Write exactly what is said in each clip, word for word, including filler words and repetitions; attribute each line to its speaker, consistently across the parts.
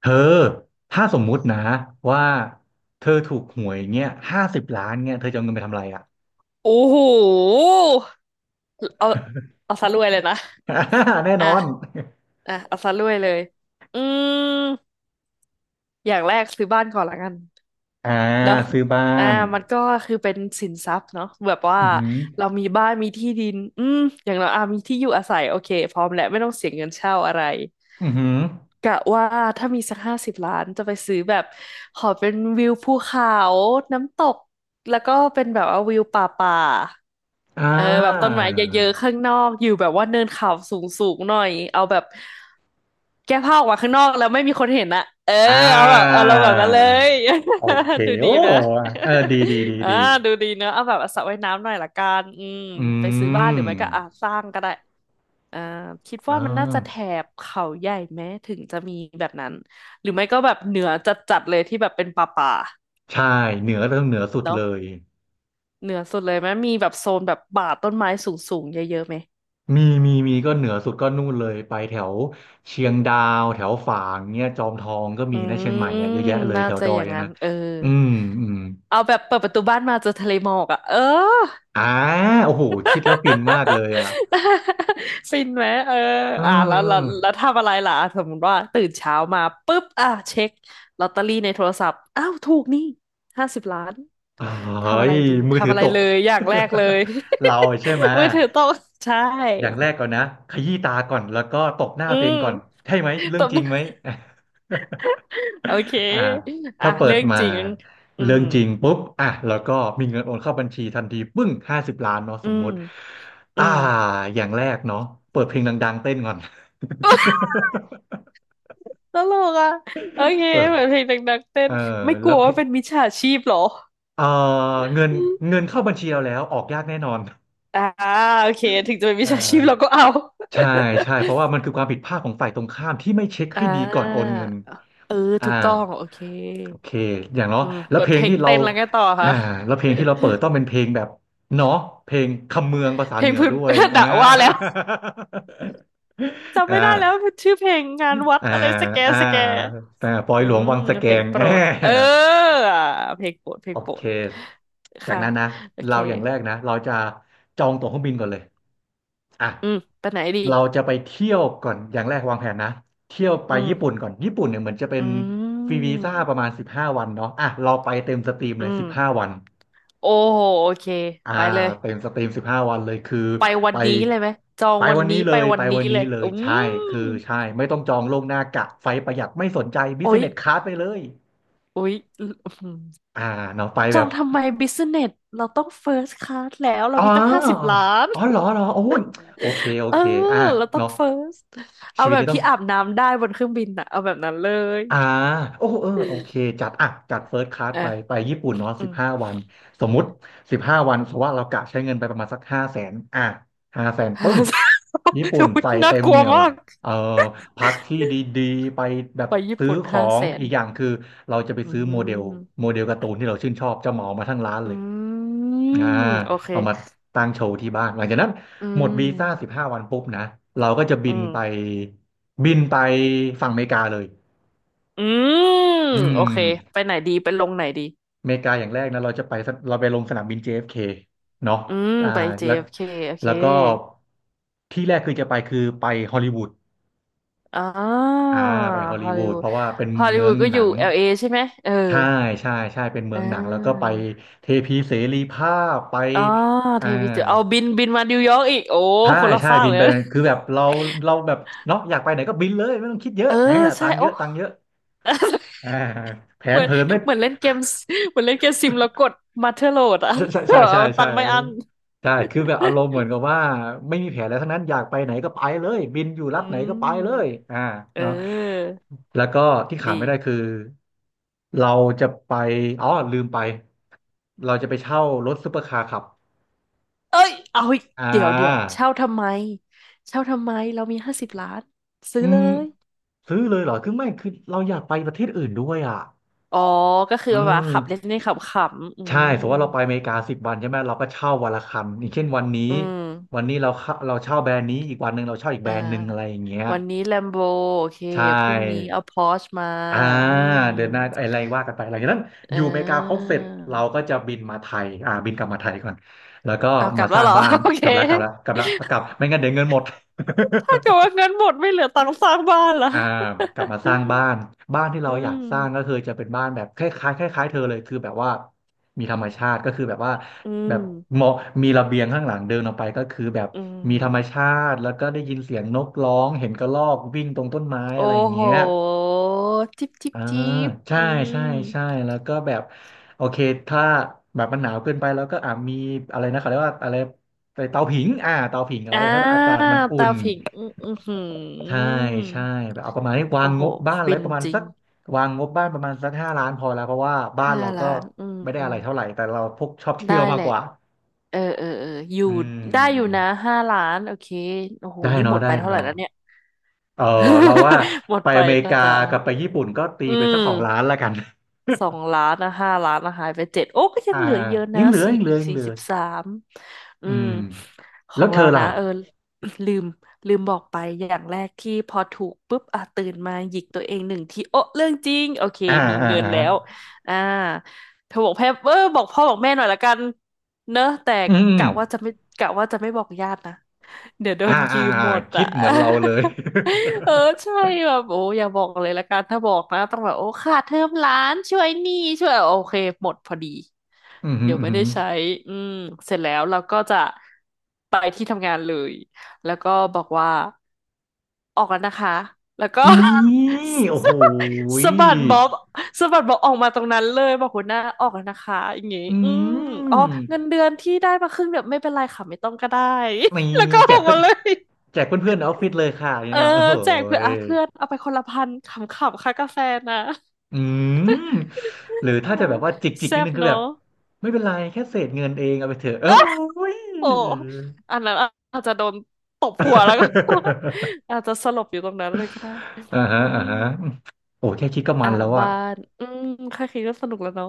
Speaker 1: เธอถ้าสมมุตินะว่าเธอถูกหวยเงี้ยห้าสิบล้านเงี้ยเธอจะเอาเงินไปทำอะไรอ่ะ
Speaker 2: โอ้โหเอาเอาซะรวยเลยนะ
Speaker 1: แน่นอน
Speaker 2: อ่ะอ่ะเอาซะรวยเลยอืมอย่างแรกซื้อบ้านก่อนละกัน
Speaker 1: อ่า
Speaker 2: เนาะ
Speaker 1: ซื้อบ้า
Speaker 2: อ่า
Speaker 1: น
Speaker 2: มันก็คือเป็นสินทรัพย์เนาะแบบว่า
Speaker 1: อือหือ
Speaker 2: เรามีบ้านมีที่ดินอืมอย่างเราอ่ะมีที่อยู่อาศัยโอเคพร้อมแล้วไม่ต้องเสียเงินเช่าอะไร
Speaker 1: อือหือ
Speaker 2: กะว่าถ้ามีสักห้าสิบล้านจะไปซื้อแบบขอเป็นวิวภูเขาน้ำตกแล้วก็เป็นแบบว่าวิวป่าป่า
Speaker 1: อ่า
Speaker 2: เออแบบต้นไม้เยอะๆข้างนอกอยู่แบบว่าเนินเขาสูงๆหน่อยเอาแบบแก้ผ้าออกมาข้างนอกแล้วไม่มีคนเห็นอะเออ
Speaker 1: อ่า
Speaker 2: เอาแบบเอาเราแบบนั้นเลย
Speaker 1: โอเค
Speaker 2: ดูดี
Speaker 1: โอ้
Speaker 2: ไหม
Speaker 1: เออดีดีดี
Speaker 2: อ่า
Speaker 1: ดี
Speaker 2: ดูดีเนอะเอาแบบสระว่ายน้ำหน่อยละกันอืม
Speaker 1: อื
Speaker 2: ไปซื้อบ้าน
Speaker 1: ม
Speaker 2: หรือไม่ก็อ่ะสร้างก็ได้อ่าคิด
Speaker 1: อ่า
Speaker 2: ว่ามันน่าจะแถบเขาใหญ่ไหมถึงจะมีแบบนั้นหรือไม่ก็แบบเหนือจัดๆเลยที่แบบเป็นป่า
Speaker 1: ใช่เหนือเรื่องเหนือสุ
Speaker 2: ๆ
Speaker 1: ด
Speaker 2: เนาะ
Speaker 1: เลย
Speaker 2: เหนือสุดเลยไหมมีแบบโซนแบบป่าต้นไม้สูงๆเยอะๆไหม
Speaker 1: มีมีมีก็เหนือสุดก็นู่นเลยไปแถวเชียงดาวแถวฝางเนี้ยจอมทองก็
Speaker 2: อื
Speaker 1: มีนะเชียงใหม่
Speaker 2: ม
Speaker 1: เนี่ยเยอะแยะเลย
Speaker 2: น่า
Speaker 1: แถว
Speaker 2: จะ
Speaker 1: ดอ
Speaker 2: อ
Speaker 1: ย
Speaker 2: ย่าง
Speaker 1: อะ
Speaker 2: นั้
Speaker 1: นะ
Speaker 2: นเออ
Speaker 1: อืมอืม
Speaker 2: เอาแบบเปิดประตูบ้านมาเจอทะเลหมอกอ่ะเออ
Speaker 1: อ่าโอ้โหคิดแล้วฟินมากเลยอ่ะ
Speaker 2: ฟินไหมเออ
Speaker 1: เ
Speaker 2: อ่ะแล้วแล้ว
Speaker 1: ออ
Speaker 2: แล้วทำอะไรล่ะอ่ะสมมติว่าตื่นเช้ามาปุ๊บอ่ะเช็คลอตเตอรี่ในโทรศัพท์อ้าวถูกนี่ห้าสิบล้าน
Speaker 1: เออเฮ้
Speaker 2: ทำอะ
Speaker 1: ย
Speaker 2: ไรดี
Speaker 1: มือถื
Speaker 2: ทำ
Speaker 1: อ
Speaker 2: อะไร
Speaker 1: ตก
Speaker 2: เลยอย่างแรกเลย
Speaker 1: เราใช่ไหม
Speaker 2: มือถือตกใช่
Speaker 1: อย่างแรกก่อนนะขยี้ตาก่อนแล้วก็ตบหน้า
Speaker 2: อื
Speaker 1: ตัวเอ
Speaker 2: ม
Speaker 1: งก่อนใช่ไหมเรื่
Speaker 2: ต
Speaker 1: อง
Speaker 2: บ
Speaker 1: จริงไหม
Speaker 2: โอเค
Speaker 1: อ่า
Speaker 2: อ่ะ
Speaker 1: ถ้าเปิด
Speaker 2: เรื่อง
Speaker 1: มา
Speaker 2: จริงอื
Speaker 1: เรื่อ
Speaker 2: ม
Speaker 1: งจริงปุ๊บอ่ะแล้วก็มีเงินโอนเข้าบัญชีทันทีปึ้งห้าสิบล้านเนาะ
Speaker 2: อื
Speaker 1: สม
Speaker 2: ม
Speaker 1: มุติ
Speaker 2: อื
Speaker 1: อ่า
Speaker 2: ม
Speaker 1: อย่างแรกเนาะเปิดเพลงดังๆเต้นก่อน
Speaker 2: ตลกอ่ะโอเค
Speaker 1: เออ
Speaker 2: เหมือนเพลงดังๆเต้
Speaker 1: เอ
Speaker 2: น
Speaker 1: อ
Speaker 2: ไม่ก
Speaker 1: แล้
Speaker 2: ลั
Speaker 1: ว
Speaker 2: ว
Speaker 1: เพ
Speaker 2: ว่าเป็นมิจฉาชีพเหรอ
Speaker 1: เออเงินเงินเข้าบัญชีเราแล้วออกยากแน่นอน
Speaker 2: อ่าโอเคถึงจะเป็น
Speaker 1: เ
Speaker 2: มิจฉาชีพเรา
Speaker 1: ออ
Speaker 2: ก็เอา
Speaker 1: ใช่ใช่เพราะว่ามันคือความผิดพลาดของฝ่ายตรงข้ามที่ไม่เช็ค
Speaker 2: อ่
Speaker 1: ให้ดีก่อนโอ
Speaker 2: า
Speaker 1: นเงิน
Speaker 2: เออ
Speaker 1: อ่า
Speaker 2: ถูกต้องโอเค
Speaker 1: โอเคอย่างเนาะ
Speaker 2: อืม
Speaker 1: แล้ว
Speaker 2: เปิ
Speaker 1: เพ
Speaker 2: ด
Speaker 1: ล
Speaker 2: เพ
Speaker 1: ง
Speaker 2: ลง
Speaker 1: ที่เรา
Speaker 2: เต้นแล้วไงต่อ
Speaker 1: อ่า
Speaker 2: คะ
Speaker 1: แล้วเพลงที่เราเปิดต้องเป็นเพลงแบบเนาะเพลงคำเมืองภาษา
Speaker 2: เพล
Speaker 1: เหนื
Speaker 2: ง
Speaker 1: อ
Speaker 2: พื้น
Speaker 1: ด้วย อ่า
Speaker 2: ด่าว่าแล้วจำ
Speaker 1: อ่า
Speaker 2: ไม่ได้แล้วชื่อเพลงงานวัด
Speaker 1: อ่า
Speaker 2: อะไรสแก
Speaker 1: อ่า
Speaker 2: สแก
Speaker 1: อ่าปอย
Speaker 2: อื
Speaker 1: หลวงวั
Speaker 2: ม
Speaker 1: งสะแก
Speaker 2: เพลง
Speaker 1: ง
Speaker 2: โปร
Speaker 1: อ่า
Speaker 2: ดเอออ่ะเพลงโปรดเพล
Speaker 1: โอ
Speaker 2: งโปร
Speaker 1: เค
Speaker 2: ด
Speaker 1: จาก
Speaker 2: ค่ะ
Speaker 1: นั้นนะ
Speaker 2: โอเค
Speaker 1: เราอย่างแรกนะเราจะจองตั๋วเครื่องบินก่อนเลยอ่ะ
Speaker 2: อืมไปไหนดี
Speaker 1: เราจะไปเที่ยวก่อน อย่างแรกวางแผนนะ เที่ยวไป
Speaker 2: อื
Speaker 1: ญี่ปุ่น
Speaker 2: ม
Speaker 1: ก่อน ญี่ปุ่นเนี่ยเหมือนจะเป็
Speaker 2: อื
Speaker 1: นฟรีวีซ่าประ
Speaker 2: ม
Speaker 1: มาณสิบห้าวันเนาะอ่ะเราไปเต็มสตรีม
Speaker 2: อื
Speaker 1: เลย
Speaker 2: ม
Speaker 1: สิบห้าวัน
Speaker 2: โอ้โหโอเค
Speaker 1: อ่า
Speaker 2: ไปเลย
Speaker 1: เต็มสตรีมสิบห้าวันเลยคือ
Speaker 2: ไปวั
Speaker 1: ไป
Speaker 2: นนี้เลยไหมจอง
Speaker 1: ไป
Speaker 2: วัน
Speaker 1: วัน
Speaker 2: นี้
Speaker 1: นี้เล
Speaker 2: ไป
Speaker 1: ย
Speaker 2: วั
Speaker 1: ไป
Speaker 2: นนี้
Speaker 1: วัน
Speaker 2: เล
Speaker 1: นี้
Speaker 2: ย
Speaker 1: เล
Speaker 2: อื
Speaker 1: ยใช่คื
Speaker 2: ม
Speaker 1: อใช่ไม่ต้องจองล่วงหน้ากะไฟประหยัดไม่สนใจบิส
Speaker 2: โอ๊ย
Speaker 1: เนสค a าสไปเลย
Speaker 2: โอ๊ยอื้อหือ
Speaker 1: อ่าเนาะไป
Speaker 2: จ
Speaker 1: แบ
Speaker 2: อง
Speaker 1: บ
Speaker 2: ทำไมบิสเนสเราต้องเฟิร์สคลาสแล้วเรา
Speaker 1: อ๋อ
Speaker 2: มีตั้งห้าสิบล้าน
Speaker 1: อ๋อเหรอเหรอโอ้ยโอเค โอ
Speaker 2: เออ
Speaker 1: เคอ่า
Speaker 2: เราต้อง
Speaker 1: เนาะ
Speaker 2: เฟิร์สเอา
Speaker 1: ชีวิต
Speaker 2: แบบ
Speaker 1: นี้ต้อ
Speaker 2: ที่
Speaker 1: ง
Speaker 2: อาบน้ำได้บนเครื่องบินอะเอาแบบนั้นเลย
Speaker 1: อ่าโอ้เออโอเคจัดอ่ะจัดเฟิร์สคลาส
Speaker 2: อ่ะ
Speaker 1: ไปไปญี่ปุ่นเนาะ
Speaker 2: อื
Speaker 1: สิบ
Speaker 2: ม
Speaker 1: ห้าวันสมมุติสิบห้าวันเพราะว่าเรากะใช้เงินไปประมาณสักห้าแสนอ่ะห้าแสน ปึ้
Speaker 2: ห้า
Speaker 1: ง
Speaker 2: แสน
Speaker 1: ญี่ปุ่น
Speaker 2: อุ๊ย
Speaker 1: ใส่
Speaker 2: น่า
Speaker 1: เต็ม
Speaker 2: ก
Speaker 1: เห
Speaker 2: ลัว
Speaker 1: นียว
Speaker 2: มาก
Speaker 1: เอ่อพักที่ดีๆไปแบบ
Speaker 2: ไปญี่
Speaker 1: ซื้อ
Speaker 2: ปุ่น
Speaker 1: ขอ
Speaker 2: ห้า
Speaker 1: ง
Speaker 2: แสน
Speaker 1: อีกอย่างคือเราจะไป
Speaker 2: อื
Speaker 1: ซื้อโมเดล
Speaker 2: ม
Speaker 1: โมเดลการ์ตูนที่เราชื่นชอบจะเหมามาทั้งร้าน
Speaker 2: อื
Speaker 1: เลย
Speaker 2: ม
Speaker 1: อ่า
Speaker 2: โอเค
Speaker 1: เอามาตั้งโชว์ที่บ้านหลังจากนั้น
Speaker 2: อื
Speaker 1: หมดวีซ่าสิ
Speaker 2: ม
Speaker 1: บห้าวันปุ๊บนะเราก็จะ
Speaker 2: อื
Speaker 1: บินไป
Speaker 2: ม
Speaker 1: บินไปฝั่งอเมริกาเลย
Speaker 2: อืม
Speaker 1: อื
Speaker 2: โอเค
Speaker 1: ม
Speaker 2: ไปไหนดีไปลงไหนดี
Speaker 1: อเมริกาอย่างแรกนะเราจะไปสเราไปลงสนามบิน เจ เอฟ เค เอฟเคเนาะ
Speaker 2: อืม
Speaker 1: อ่า
Speaker 2: ไป
Speaker 1: แล้ว
Speaker 2: เจ เอฟ เค โอเค
Speaker 1: แล้วก็ที่แรกคือจะไปคือไปฮอลลีวูด
Speaker 2: อ่า
Speaker 1: อ่าไปฮอล
Speaker 2: ฮ
Speaker 1: ลี
Speaker 2: อล
Speaker 1: วู
Speaker 2: ลี
Speaker 1: ด
Speaker 2: วู
Speaker 1: เพ
Speaker 2: ด
Speaker 1: ราะว่าเป็น
Speaker 2: ฮอลลี
Speaker 1: เมื
Speaker 2: วู
Speaker 1: อง
Speaker 2: ดก็
Speaker 1: ห
Speaker 2: อ
Speaker 1: นั
Speaker 2: ยู่
Speaker 1: ง
Speaker 2: แอล เอ ใช่ไหมเออ
Speaker 1: ใช่ใช่ใช่เป็นเมื
Speaker 2: อ่
Speaker 1: องหนังแล้วก็ไป
Speaker 2: า
Speaker 1: เทพีเสรีภาพไป
Speaker 2: อ๋อ
Speaker 1: อ่า
Speaker 2: เทวีเจอเอาบินบินมานิวยอร์กอีกโอ้
Speaker 1: ใช่
Speaker 2: คนละ
Speaker 1: ใช่
Speaker 2: ฟาก
Speaker 1: บิน
Speaker 2: เลย
Speaker 1: ไป
Speaker 2: นะ
Speaker 1: คือแบบเราเราแบบเนาะอยากไปไหนก็บินเลยไม่ต้องคิดเยอะ
Speaker 2: เออ
Speaker 1: แหมตั
Speaker 2: ใช่
Speaker 1: งค์เย
Speaker 2: โอ้
Speaker 1: อะตังค์เยอะอ่าแผ
Speaker 2: เห
Speaker 1: น
Speaker 2: มือน
Speaker 1: เผินไม่
Speaker 2: เหมือนเล่นเกมเหมือนเล่นเกมซิมแล้วกดมาเทอร์โหลดอะ
Speaker 1: ใช่ใช่ใช่ ใช
Speaker 2: เอาตั
Speaker 1: ่
Speaker 2: งค์ไม่อั้น
Speaker 1: ใช่คือแบบอารมณ์เหมือนกับว่าไม่มีแผนอะไรทั้งนั้นอยากไปไหนก็ไปเลยบินอยู่รั
Speaker 2: อื
Speaker 1: ฐไหนก็ไปเลย
Speaker 2: ม
Speaker 1: อ่า
Speaker 2: เ
Speaker 1: เนาะ
Speaker 2: ออ
Speaker 1: แล้วก็ที่ขาดไม่ได้
Speaker 2: ดี
Speaker 1: คือเราจะไปอ๋อลืมไปเราจะไปเช่ารถซุปเปอร์คาร์ขับ
Speaker 2: เอ้ยเอาอีก
Speaker 1: อ่
Speaker 2: เดี๋ยวเดี๋ยว
Speaker 1: า
Speaker 2: เช่าทำไมเช่าทำไมเรามีห้าสิบล้านซื้
Speaker 1: อื
Speaker 2: อเล
Speaker 1: ม
Speaker 2: ย
Speaker 1: ซื้อเลยเหรอคือไม่คือเราอยากไปประเทศอื่นด้วยอ่ะ
Speaker 2: อ๋อก็คือ
Speaker 1: อื
Speaker 2: แบบขับเล
Speaker 1: ม
Speaker 2: ่นๆขำๆอื
Speaker 1: ใช่ส
Speaker 2: ม
Speaker 1: มมติว่าเราไปอเมริกาสิบวันใช่ไหมเราก็เช่าวันละคันอย่างเช่นวันนี้
Speaker 2: อืม
Speaker 1: วันนี้เราเข้าเราเช่าแบรนด์นี้อีกวันหนึ่งเราเช่าอีกแบ
Speaker 2: อ่
Speaker 1: รนด์หนึ่งอะไรอ
Speaker 2: า
Speaker 1: ย่างเงี้ย
Speaker 2: วันนี้แลมโบโอเค
Speaker 1: ใช่
Speaker 2: พรุ่งนี้เอาพอร์ชมา
Speaker 1: อ่า
Speaker 2: อืม
Speaker 1: เดือนหน้าอะไรว่ากันไปหลังจากนั้น
Speaker 2: เอ
Speaker 1: อยู่อเมริกาครบ
Speaker 2: อ
Speaker 1: เสร็จเราก็จะบินมาไทยอ่าบินกลับมาไทยก่อนแล้วก็
Speaker 2: เอากลั
Speaker 1: มา
Speaker 2: บ
Speaker 1: ส
Speaker 2: แล้ว
Speaker 1: ร้าง
Speaker 2: เหรอ
Speaker 1: บ้าน
Speaker 2: โอเค
Speaker 1: กลับแล้วกลับแล้วกลับแล้วกลับไม่งั้นเดี๋ยวเงินหมด
Speaker 2: ถ้าเกิดว่าเงินหมดไม่เหลือตังค์สร้างบ้านละ
Speaker 1: อ่ากลับมาสร้างบ้านบ้านที่
Speaker 2: อื
Speaker 1: เราอยา
Speaker 2: ม
Speaker 1: กสร้างก็คือจะเป็นบ้านแบบคล้ายๆคล้ายๆเธอเลยคือแบบว่ามีธรรมชาติก็คือแบบว่า
Speaker 2: อื
Speaker 1: แบบ
Speaker 2: ม
Speaker 1: มองมีระเบียงข้างหลังเดินออกไปก็คือแบบ
Speaker 2: อื
Speaker 1: มีธรรม
Speaker 2: ม
Speaker 1: ชาติแล้วก็ได้ยินเสียงนกร้องเห็นกระรอกวิ่งตรงต้นไม้
Speaker 2: โอ้
Speaker 1: อะไรอย่าง
Speaker 2: โห
Speaker 1: เงี้ย
Speaker 2: จิบจิบ
Speaker 1: อ่า
Speaker 2: จิบ
Speaker 1: ใช่
Speaker 2: อื
Speaker 1: ใช่
Speaker 2: ม
Speaker 1: ใช่แล้วก็แบบโอเคถ้าแบบมันหนาวเกินไปแล้วก็อ่ามีอะไรนะเขาเรียกว่าอะไรไปเตาผิงอ่าเตาผิงเอา
Speaker 2: อ่า
Speaker 1: ไว้ให้อากาศมันอุ่
Speaker 2: ตา
Speaker 1: น
Speaker 2: ผิง อืออื้อหื
Speaker 1: ใช่
Speaker 2: อ
Speaker 1: ใช่แบบเอาประมาณนี้วาง
Speaker 2: โอ้โห
Speaker 1: งบบ้านอะไร
Speaker 2: ฟิน
Speaker 1: ประมาณ
Speaker 2: จริ
Speaker 1: สั
Speaker 2: ง
Speaker 1: กวางงบบ้านประมาณสักห้าล้านพอแล้วเพราะว่าบ้าน
Speaker 2: ห้า
Speaker 1: เราก็
Speaker 2: ล้าน อื
Speaker 1: ไม่ได้
Speaker 2: ม
Speaker 1: อะไรเท่าไหร่แต่เราพวกชอบเที่
Speaker 2: ได้
Speaker 1: ยวมา
Speaker 2: แห
Speaker 1: ก
Speaker 2: ละ
Speaker 1: กว่า
Speaker 2: เออเออ เออ อยู่
Speaker 1: อื
Speaker 2: ได้อยู่นะ
Speaker 1: ม
Speaker 2: ห้าล้าน โอเค โอ้โห
Speaker 1: ได้
Speaker 2: นี่ห
Speaker 1: เนาะ
Speaker 2: มด
Speaker 1: ได้
Speaker 2: ไปเท่าไหร่
Speaker 1: เนาะ
Speaker 2: แล้วเนี่ย
Speaker 1: เออเราว่า
Speaker 2: หมด
Speaker 1: ไป
Speaker 2: ไป
Speaker 1: อเมริ
Speaker 2: นะ
Speaker 1: กา
Speaker 2: จ๊ะ
Speaker 1: กับไปญี่ปุ่นก็ตี
Speaker 2: อื
Speaker 1: ไปสักสองล้าน
Speaker 2: ม
Speaker 1: แล้วกัน
Speaker 2: สองล้านนะห้าล้านนะหายไปเจ็ดโอ้ก็ ยั
Speaker 1: อ่า
Speaker 2: งเหลือเยอะ
Speaker 1: ยั
Speaker 2: นะ
Speaker 1: งเหลือ
Speaker 2: สี่
Speaker 1: ยังเหลื
Speaker 2: อี
Speaker 1: อ
Speaker 2: ก
Speaker 1: ยัง
Speaker 2: สี่
Speaker 1: เหลือ
Speaker 2: สิบสามอื
Speaker 1: อื
Speaker 2: ม
Speaker 1: ม
Speaker 2: ข
Speaker 1: แล้
Speaker 2: อ
Speaker 1: ว
Speaker 2: ง
Speaker 1: เธ
Speaker 2: เรา
Speaker 1: อล่ะ
Speaker 2: นะเออ ลืมลืมบอกไปอย่างแรกที่พอถูกปุ๊บอ่ะตื่นมาหยิกตัวเองหนึ่งทีโอ้เรื่องจริงโอเค
Speaker 1: อ่า
Speaker 2: มี
Speaker 1: อ่า
Speaker 2: เงิน
Speaker 1: อ่า
Speaker 2: แล้วอ่าเธอบอกแพ่เออบอกพ่อบอกแม่หน่อยละกันเนอะแต่
Speaker 1: อืมอืม
Speaker 2: กะว่าจะไม่กะว่าจะไม่บอกญาตินะ เดี๋ยวโด
Speaker 1: อ่า
Speaker 2: นยื
Speaker 1: อ่า
Speaker 2: ม
Speaker 1: อ่า
Speaker 2: หมด
Speaker 1: คิ
Speaker 2: อ่ะ
Speaker 1: ดเหมือนเราเลย
Speaker 2: เออใช่แบบโอ้อย่าบอกเลยละกันถ้าบอกนะต้องแบบโอ้ค่าเทอมหล้านช่วยหนี้ช่วยโอเคหมดพอดี
Speaker 1: อืมอืม
Speaker 2: เดี๋ยว
Speaker 1: อื
Speaker 2: ไม่ได้
Speaker 1: ม
Speaker 2: ใช้อืมเสร็จแล้วเราก็จะไปที่ทำงานเลยแล้วก็บอกว่าออกแล้วนะคะแล้วก็
Speaker 1: นี่ โอ้โห
Speaker 2: สะบัดบ๊อบสะบัดบ๊อบออกมาตรงนั้นเลยบอกหัวหน้าออกแล้วนะคะอย่างงี้
Speaker 1: อื
Speaker 2: อืมอ๋อ
Speaker 1: ม
Speaker 2: เงินเดือนที่ได้มาครึ่งเดียวไม่เป็นไรค่ะไม่ต้องก็ได้
Speaker 1: มี
Speaker 2: แล้วก็
Speaker 1: แจ
Speaker 2: ออ
Speaker 1: ก
Speaker 2: ก
Speaker 1: เพื่อ
Speaker 2: มา
Speaker 1: น
Speaker 2: เลย
Speaker 1: แจกเพื่อนๆในออฟฟิศเลยค่ะนี่
Speaker 2: เออ
Speaker 1: นะโอ้โห
Speaker 2: แจกเพื่อน
Speaker 1: ย
Speaker 2: อ่ะเพื่อนเอาไปคนละพันขำๆค่ากาแฟนะ
Speaker 1: อืมหรือ
Speaker 2: เออ
Speaker 1: ถ้าจะแบบว่าจิกจิก
Speaker 2: แซ่
Speaker 1: นิด
Speaker 2: บ
Speaker 1: นึงคื
Speaker 2: เน
Speaker 1: อแบบ
Speaker 2: อะ
Speaker 1: ไม่เป็นไรแค่เศษเงินเองเอาไปเถอะเอ้ย
Speaker 2: โอ้อันนั้นอาจจะโดนตบหัวแล้วก็ อาจจะสลบอยู่ตรงนั้นเลยก็ได้
Speaker 1: อ่าฮะ
Speaker 2: อื
Speaker 1: อ่า
Speaker 2: ม
Speaker 1: ฮะโอ้แค่คิดก็มั
Speaker 2: อ่ะ
Speaker 1: นแล้วอะ
Speaker 2: บ้านอืมแค่คิดก็สนุกแล้วเนาะ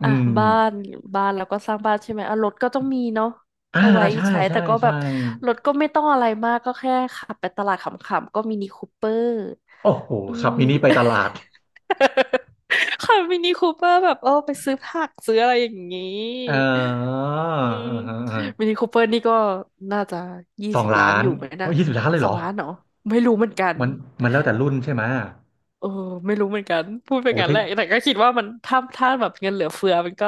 Speaker 1: อื
Speaker 2: อ่ะ
Speaker 1: ม
Speaker 2: บ้านบ้านแล้วก็สร้างบ้านใช่ไหมอ่ะรถก็ต้องมีเนาะ
Speaker 1: อ่า
Speaker 2: เอาไว้
Speaker 1: ใช่
Speaker 2: ใช้
Speaker 1: ใช่
Speaker 2: แต่ก็แบ
Speaker 1: ใช่
Speaker 2: บรถก็ไม่ต้องอะไรมากก็แค่ขับไปตลาดขำๆก็มินิคูเปอร์
Speaker 1: โอ้โห
Speaker 2: อื
Speaker 1: ขับ
Speaker 2: ม
Speaker 1: มินิไปตลาด
Speaker 2: ค่ะมินิคูเปอร์แบบเออไปซื้อผักซื้ออะไรอย่างนี้
Speaker 1: เออ
Speaker 2: อืม
Speaker 1: อ่าฮะอ่าฮะ
Speaker 2: มินิคูเปอร์นี่ก็น่าจะยี่
Speaker 1: สอง
Speaker 2: สิบล้า
Speaker 1: ล้า
Speaker 2: น
Speaker 1: น
Speaker 2: อยู่ไหมนะ
Speaker 1: เอายี่สิบล้านเลย
Speaker 2: ส
Speaker 1: เหร
Speaker 2: อง
Speaker 1: อ
Speaker 2: ล้านเหรอไม่รู้เหมือนกัน
Speaker 1: มันมันแล้วแต่รุ่นใช่ไหม
Speaker 2: เออไม่รู้เหมือนกันพูดไป
Speaker 1: โอ้
Speaker 2: งั้น
Speaker 1: ถ้า
Speaker 2: แหละแต่ก็คิดว่ามันถ้าถ้าแบบเงินเหลือเฟือมันก็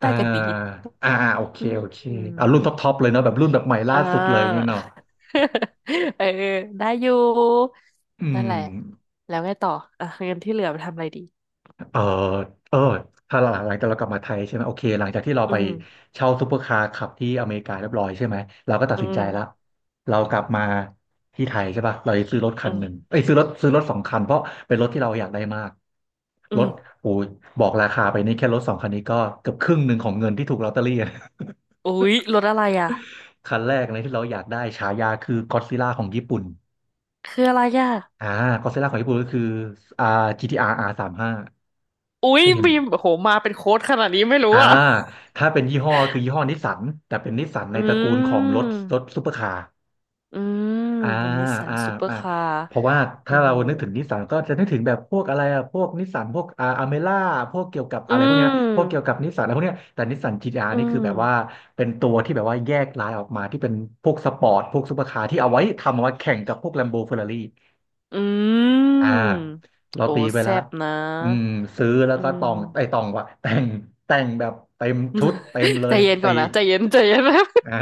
Speaker 2: ได้
Speaker 1: อ่า
Speaker 2: กันดี
Speaker 1: อ่าโอเค
Speaker 2: อื
Speaker 1: โอเคอ่ารุ่น
Speaker 2: ม
Speaker 1: ท็อปท็อปเลยเนาะแบบรุ่นแบบใหม่ล่า
Speaker 2: อ่
Speaker 1: สุดเลยอย่างเงี้
Speaker 2: า
Speaker 1: ยเนาะ
Speaker 2: เออได้อยู่
Speaker 1: อื
Speaker 2: นั่น
Speaker 1: ม
Speaker 2: แหละแล้วไงต่ออ่ะเงินที่เหลือไปทำอะไรดี
Speaker 1: เออเออถ้าหลังหลังจากเรากลับมาไทยใช่ไหมโอเคหลังจากที่เรา
Speaker 2: อื
Speaker 1: ไป
Speaker 2: ม
Speaker 1: เช่าซูเปอร์คาร์ขับที่อเมริกาเรียบร้อยใช่ไหมเราก็ตัด
Speaker 2: อื
Speaker 1: สินใจแล้ว
Speaker 2: ม
Speaker 1: เรากลับมาที่ไทยใช่ป่ะเราจะซื้อรถคั
Speaker 2: อื
Speaker 1: นหนึ่ง
Speaker 2: ม
Speaker 1: เอ้ยซื้อรถซื้อรถสองคันเพราะเป็นรถที่เราอยากได้มาก
Speaker 2: อื
Speaker 1: ร
Speaker 2: ม
Speaker 1: ถโอ้ยบอกราคาไปนี่แค่รถสองคันนี้ก็เกือบครึ่งหนึ่งของเงินที่ถูกลอตเตอรี่อะ
Speaker 2: อุ๊ยรถอะไรอ่ะ
Speaker 1: คันแรกเลยที่เราอยากได้ฉายาคือก็อดซิลล่าของญี่ปุ่น
Speaker 2: คืออะไรอ่ะ
Speaker 1: อ่าก็อดซิลล่าของญี่ปุ่นก็คืออ่า จี ที อาร์ อาร์ สามสิบห้า
Speaker 2: อุ๊
Speaker 1: เค
Speaker 2: ย
Speaker 1: ยเห็น
Speaker 2: บีมโอ้โหมาเป็นโค้ดขนาดนี้ไม่รู้
Speaker 1: อ่า
Speaker 2: อ่ะ
Speaker 1: ถ้าเป็นยี่ห้อคือยี่ห้อนิสสันแต่เป็นนิสสันใน
Speaker 2: อื
Speaker 1: ตระกูลของรถรถ
Speaker 2: ม
Speaker 1: ซูเปอร์คาร์
Speaker 2: อืม
Speaker 1: อ่า
Speaker 2: เป็นนิสสัน
Speaker 1: อ่า
Speaker 2: ซูเปอร์
Speaker 1: อ่า
Speaker 2: คาร์
Speaker 1: เพราะว่าถ้า
Speaker 2: โอ้
Speaker 1: เรา
Speaker 2: โห
Speaker 1: นึกถึงนิสสันก็จะนึกถึงแบบพวกอะไรอะพวกนิสสันพวกอ่าอเมล่าพวกเกี่ยวกับ
Speaker 2: อื
Speaker 1: อะไรพวกเนี้ยพวกเกี่ยว
Speaker 2: ม
Speaker 1: กับนิสสันอะไรพวกเนี้ยแต่นิสสัน จี ที อาร์
Speaker 2: อื
Speaker 1: นี่คือ
Speaker 2: ม
Speaker 1: แบบว่าเป็นตัวที่แบบว่าแยกลายออกมาที่เป็นพวกสปอร์ตพวกซูเปอร์คาร์ที่เอาไว้ทำเอาไว้แข่งกับพวกแลมโบเฟอร์รารี่
Speaker 2: อื
Speaker 1: อ่า
Speaker 2: ม
Speaker 1: เรา
Speaker 2: โอ้
Speaker 1: ตีไปแล้
Speaker 2: แซ่
Speaker 1: ว
Speaker 2: บนะ
Speaker 1: อืมซื้อแล้ว
Speaker 2: อื
Speaker 1: ก็ตอ
Speaker 2: ม
Speaker 1: งไอ้ตองวะแต่งแต่งแบบเต็มชุดเต็มเล
Speaker 2: ใจ
Speaker 1: ย
Speaker 2: เย็นก่
Speaker 1: ตี
Speaker 2: อนนะใจเย็นใจเย็นนะ
Speaker 1: อ่า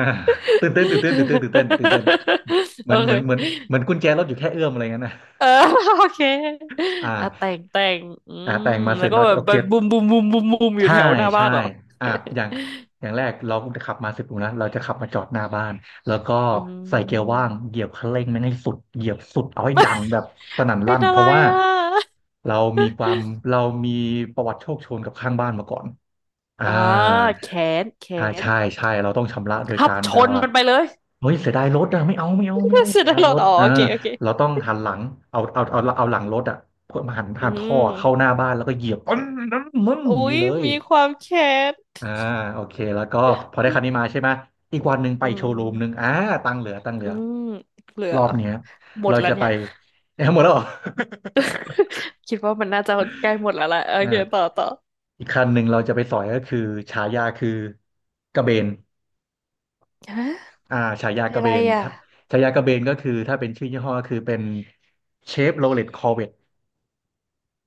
Speaker 1: ตื่นเต้นตื่นเต้นตื่นเต้นตื่นเต้นตื่นเต้น เหมือ
Speaker 2: โอ
Speaker 1: นเห
Speaker 2: เค
Speaker 1: มือนเหมือนเหมือนกุญแจรถอยู่แค่เอื้อมอะไรเงี้ยนะ
Speaker 2: เออ โอเคอ่ะแต่
Speaker 1: อ่า
Speaker 2: งแต่งอื
Speaker 1: อ่าแต่
Speaker 2: ม
Speaker 1: งมาเส
Speaker 2: แล้
Speaker 1: ร็
Speaker 2: ว
Speaker 1: จ
Speaker 2: ก็
Speaker 1: เนอะ
Speaker 2: แบบ
Speaker 1: โอ
Speaker 2: ไป
Speaker 1: เค
Speaker 2: บุมบุมบุมบุมบุมอยู่
Speaker 1: ใช่
Speaker 2: แถวหน้าบ้า
Speaker 1: ใช่
Speaker 2: นเหรอ
Speaker 1: อ่ะอย่าง อย่างแรกเราขับมาสิบโลนะเราจะขับมาจอดหน้าบ้านแล้วก็
Speaker 2: อื
Speaker 1: ใส่เกียร์
Speaker 2: ม
Speaker 1: ว่างเหยียบคันเร่งมันให้สุดเหยียบสุดเอาให้ดังแบบสนั่น
Speaker 2: เป็
Speaker 1: ลั่
Speaker 2: น
Speaker 1: น
Speaker 2: อะ
Speaker 1: เพ
Speaker 2: ไร
Speaker 1: ราะว่า
Speaker 2: อ่ะ
Speaker 1: เรามีความเรามีประวัติโชคโชนกับข้างบ้านมาก่อนอ่า
Speaker 2: อ่าแขนแข
Speaker 1: ใช่
Speaker 2: น
Speaker 1: ใช่ใช่ เราต้องชำระโดย
Speaker 2: ขั
Speaker 1: กา
Speaker 2: บ
Speaker 1: ร
Speaker 2: ช
Speaker 1: แบบ
Speaker 2: น
Speaker 1: ว่า
Speaker 2: มันไปเลย
Speaker 1: เฮ้ยเสียดายรถอะไม่เอาไม่เอาไม่เอา
Speaker 2: เสร็จ
Speaker 1: เสีย
Speaker 2: แล้ว
Speaker 1: ดาย
Speaker 2: เหรอ
Speaker 1: รถ
Speaker 2: อ๋อ
Speaker 1: อ่า
Speaker 2: โอเคโอเค
Speaker 1: เราต้องหันหลังเอาเอาเอาเอาหลังรถอะหัน
Speaker 2: อื
Speaker 1: หันท่อเข้าห
Speaker 2: ม
Speaker 1: น้าบ้านแล้วก็เหยียบปึ้งนั่นมอ
Speaker 2: อุ๊
Speaker 1: ย่างนี่
Speaker 2: ย
Speaker 1: เลย
Speaker 2: มีความแค้น
Speaker 1: อ่าโอเคแล้วก็พอได้คันนี้มาใช่ไหมอีกวันหนึ่งไป
Speaker 2: อื
Speaker 1: โชว์รูมหนึ่ง
Speaker 2: ม
Speaker 1: อ่าตังค์เหลือตังค์เหลื
Speaker 2: อื
Speaker 1: อ
Speaker 2: มเหลือ
Speaker 1: รอบเนี้ย
Speaker 2: หมด
Speaker 1: เรา
Speaker 2: แล้ว
Speaker 1: จะ
Speaker 2: เนี่
Speaker 1: ไป
Speaker 2: ย
Speaker 1: เอ้ยหมดแล้วเหรอ
Speaker 2: คิดว่ามันน่าจะใกล้หมดแล้วแหละโอ
Speaker 1: อ่า
Speaker 2: เคต่อต่อ
Speaker 1: อีกคันหนึ่งเราจะไปสอยก็คือฉายาคือกระเบน
Speaker 2: ฮะ
Speaker 1: อ่าฉายา
Speaker 2: เป็
Speaker 1: ก
Speaker 2: น
Speaker 1: ระ
Speaker 2: อะ
Speaker 1: เบ
Speaker 2: ไร
Speaker 1: น
Speaker 2: อ่ะ
Speaker 1: ถ้าฉายากระเบนก็คือถ้าเป็นชื่อยี่ห้อก็คือเป็นเชฟโรเลตคอร์เว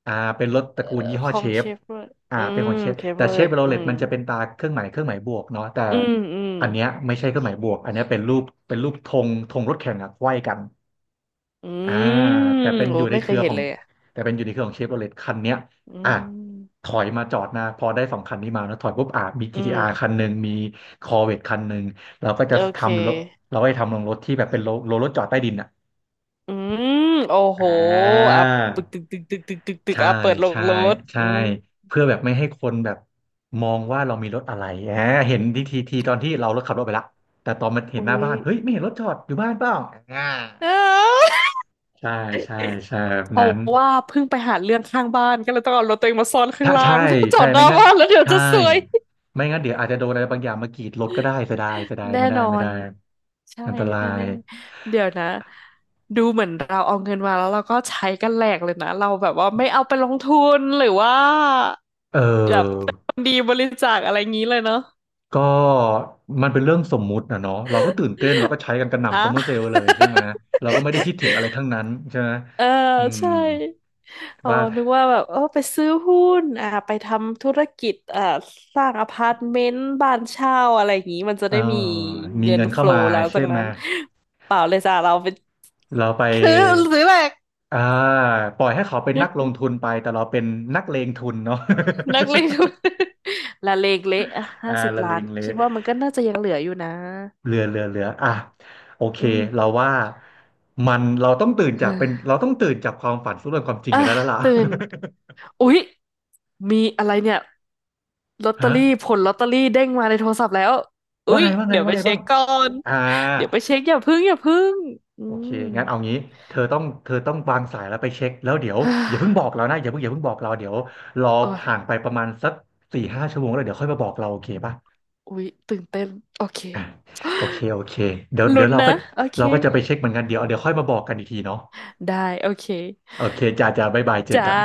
Speaker 1: อ่าเป็นรถต
Speaker 2: เอ่อ
Speaker 1: ระกูลยี่
Speaker 2: ข
Speaker 1: ห้อ
Speaker 2: อ
Speaker 1: เช
Speaker 2: งเช
Speaker 1: ฟ
Speaker 2: ฟเวอร์
Speaker 1: อ่า
Speaker 2: อื
Speaker 1: เป็นข
Speaker 2: ม
Speaker 1: องเชฟ
Speaker 2: เชฟเว
Speaker 1: แต่
Speaker 2: อร์
Speaker 1: เชฟโร
Speaker 2: อื
Speaker 1: เลต
Speaker 2: ม
Speaker 1: มันจะเป็นตาเครื่องหมายเครื่องหมายบวกเนาะแต่
Speaker 2: อืมอืม
Speaker 1: อันเนี้ยไม่ใช่เครื่องหมายบวกอันเนี้ยเป็นรูปเป็นรูปธงธงรถแข่งอะไขว้กัน
Speaker 2: อื
Speaker 1: อ่า
Speaker 2: ม
Speaker 1: แต่เป็น
Speaker 2: โอ้
Speaker 1: อยู่ใน
Speaker 2: ไม่
Speaker 1: เค
Speaker 2: เค
Speaker 1: รื
Speaker 2: ย
Speaker 1: อ
Speaker 2: เห็
Speaker 1: ข
Speaker 2: น
Speaker 1: อง
Speaker 2: เลยอ่ะ
Speaker 1: แต่เป็นอยู่ในเครือของเชฟโรเลตคันเนี้ย
Speaker 2: อื
Speaker 1: อ่ะถ
Speaker 2: ม
Speaker 1: อยมาจอดหนะพอได้สองคันนี้มานะถอยปุ๊บอ่ะมี
Speaker 2: อื
Speaker 1: จี ที อาร์ คัน
Speaker 2: ม
Speaker 1: หนึ่งมี Corvette คันหนึ่งเราก็จะ
Speaker 2: โอเค
Speaker 1: ทำรถเราก็จะทำลงรถที่แบบเป็นโลโลรถจอดใต้ดินอ่ะ
Speaker 2: อืมโอ้โห
Speaker 1: อ่
Speaker 2: อ่ะตึก
Speaker 1: า
Speaker 2: ตึกตึกตึกตึกตึกตึก
Speaker 1: ใช่
Speaker 2: อ่ะเปิดลง
Speaker 1: ใช่
Speaker 2: รถ
Speaker 1: ใช่
Speaker 2: อืม
Speaker 1: เพื่อแบบไม่ให้คนแบบมองว่าเรามีรถอะไรแหมเห็นทีทีทีตอนที่เรารถขับรถไปละแต่ตอนมันเห็น
Speaker 2: อุ้
Speaker 1: หน้า
Speaker 2: ย
Speaker 1: บ้านเฮ้ยไม่เห็นรถจอดอยู่บ้านเปล่าอ่า
Speaker 2: อ้าว
Speaker 1: ใช่ใช่ใช่แบบ
Speaker 2: เพ
Speaker 1: นั้
Speaker 2: ราะ
Speaker 1: น
Speaker 2: ว่าเพิ่งไปหาเรื่องข้างบ้านก็เลยต้องเอารถตัวเองมาซ่อนข้าง
Speaker 1: ถ้า
Speaker 2: ล่า
Speaker 1: ใช่
Speaker 2: ง จ
Speaker 1: ใช่
Speaker 2: อดห
Speaker 1: ไม่
Speaker 2: น้า
Speaker 1: งั้น
Speaker 2: บ้านแล้วเดี๋ยว
Speaker 1: ใช่
Speaker 2: จะซวย
Speaker 1: ไม่งั้นเดี๋ยวอาจจะโดนอะไรบางอย่างมากรีดรถก็ได้เสียดายเสียดาย
Speaker 2: แน่
Speaker 1: ไม่ได้
Speaker 2: นอ
Speaker 1: ไม่ได้
Speaker 2: นใช่
Speaker 1: อันตราย
Speaker 2: แน่ๆเดี๋ยวนะดูเหมือนเราเอาเงินมาแล้วเราก็ใช้กันแหลกเลยนะเราแบบว่าไม่เอาไปลงทุนหรือว่า
Speaker 1: เอ
Speaker 2: แบบ
Speaker 1: อ
Speaker 2: เป็นคนดีบริจาคอะไรงี้เลยเนาะ
Speaker 1: ก็มันเป็นเรื่องสมมุตินะเนาะเราก็ตื่นเต้นเราก็ใช้กันกระหน่ำ
Speaker 2: อะ
Speaker 1: ซัมเมอร์เซลล์เลยใช่ไหมเราก็ไม่ได้คิดถึงอะไรทั้งนั้นใช่ไหม
Speaker 2: เออ
Speaker 1: อืม
Speaker 2: ใช่อ๋อ
Speaker 1: ว่า
Speaker 2: นึกว่าแบบเออไปซื้อหุ้นอ่าไปทำธุรกิจอ่าสร้างอพาร์ตเมนต์บ้านเช่าอะไรอย่างนี้มันจะ
Speaker 1: เออ
Speaker 2: ได้มี
Speaker 1: มี
Speaker 2: เงิน
Speaker 1: เงิน
Speaker 2: โฟ
Speaker 1: เข้า
Speaker 2: ล
Speaker 1: มา
Speaker 2: ว์หลัง
Speaker 1: ใช่
Speaker 2: จาก
Speaker 1: ไหม
Speaker 2: นั้นเปล่าเลยจ้ะเราไป
Speaker 1: เราไป
Speaker 2: ซื้อซื้อแหลก
Speaker 1: อ่าปล่อยให้เขาเป็นนักลงทุนไปแต่เราเป็นนักเลงทุนเนาะ
Speaker 2: นักเลงทุน ละเลงเละ ห้า
Speaker 1: อ่า
Speaker 2: สิบ
Speaker 1: ละ
Speaker 2: ล้า
Speaker 1: เล
Speaker 2: น
Speaker 1: งเล
Speaker 2: คิดว่ามันก็น่าจะยังเหลืออยู่นะ
Speaker 1: เรือเรือเรืออ่ะโอเค
Speaker 2: อืม
Speaker 1: เราว่ามันเราต้องตื่นจากเป็นเรา ต้องตื่นจากความฝันสู่เรื่องความจริง
Speaker 2: อ่ะ
Speaker 1: กันได้แล้วล่ะ
Speaker 2: ตื่นอุ๊ยมีอะไรเนี่ย ลอต เตอ
Speaker 1: ฮะ
Speaker 2: รี่ผลลอตเตอรี่เด้งมาในโทรศัพท์แล้ว
Speaker 1: ว่า
Speaker 2: อุ๊ย
Speaker 1: ไงว่าไง
Speaker 2: เดี๋ยว
Speaker 1: ว่า
Speaker 2: ไป
Speaker 1: ไง
Speaker 2: เช็
Speaker 1: บ้าง
Speaker 2: คก่อน
Speaker 1: อ่า
Speaker 2: เดี๋ยวไปเช็คอย่าพึ่งอย่าพึ่งอื
Speaker 1: โอเค
Speaker 2: ม
Speaker 1: งั้นเอางี้เธอต้องเธอต้องวางสายแล้วไปเช็คแล้วเดี๋ยว
Speaker 2: ฮ่า
Speaker 1: อย่าเพิ่งบอกเรานะอย่าเพิ่งอย่าเพิ่งบอกเราเดี๋ยวรอ
Speaker 2: โอ้ย
Speaker 1: ผ่านไปประมาณสักสี่ห้าชั่วโมงแล้วเดี๋ยวค่อยมาบอกเราโอเคป่ะ
Speaker 2: อุ๊ยตื่นเต้นโอเค
Speaker 1: อ่าโอเคโอเคเดี๋ยวเดี๋ย
Speaker 2: ลุ้
Speaker 1: ว
Speaker 2: น
Speaker 1: เราก็
Speaker 2: นะโอเค
Speaker 1: เราก็จะไปเช็คเหมือนกันเดี๋ยวเดี๋ยวค่อยมาบอกกันอีกทีเนาะ
Speaker 2: ได้โอเค
Speaker 1: โอเคจ้าจ้าบ๊ายบายเจอ
Speaker 2: จ้า
Speaker 1: กัน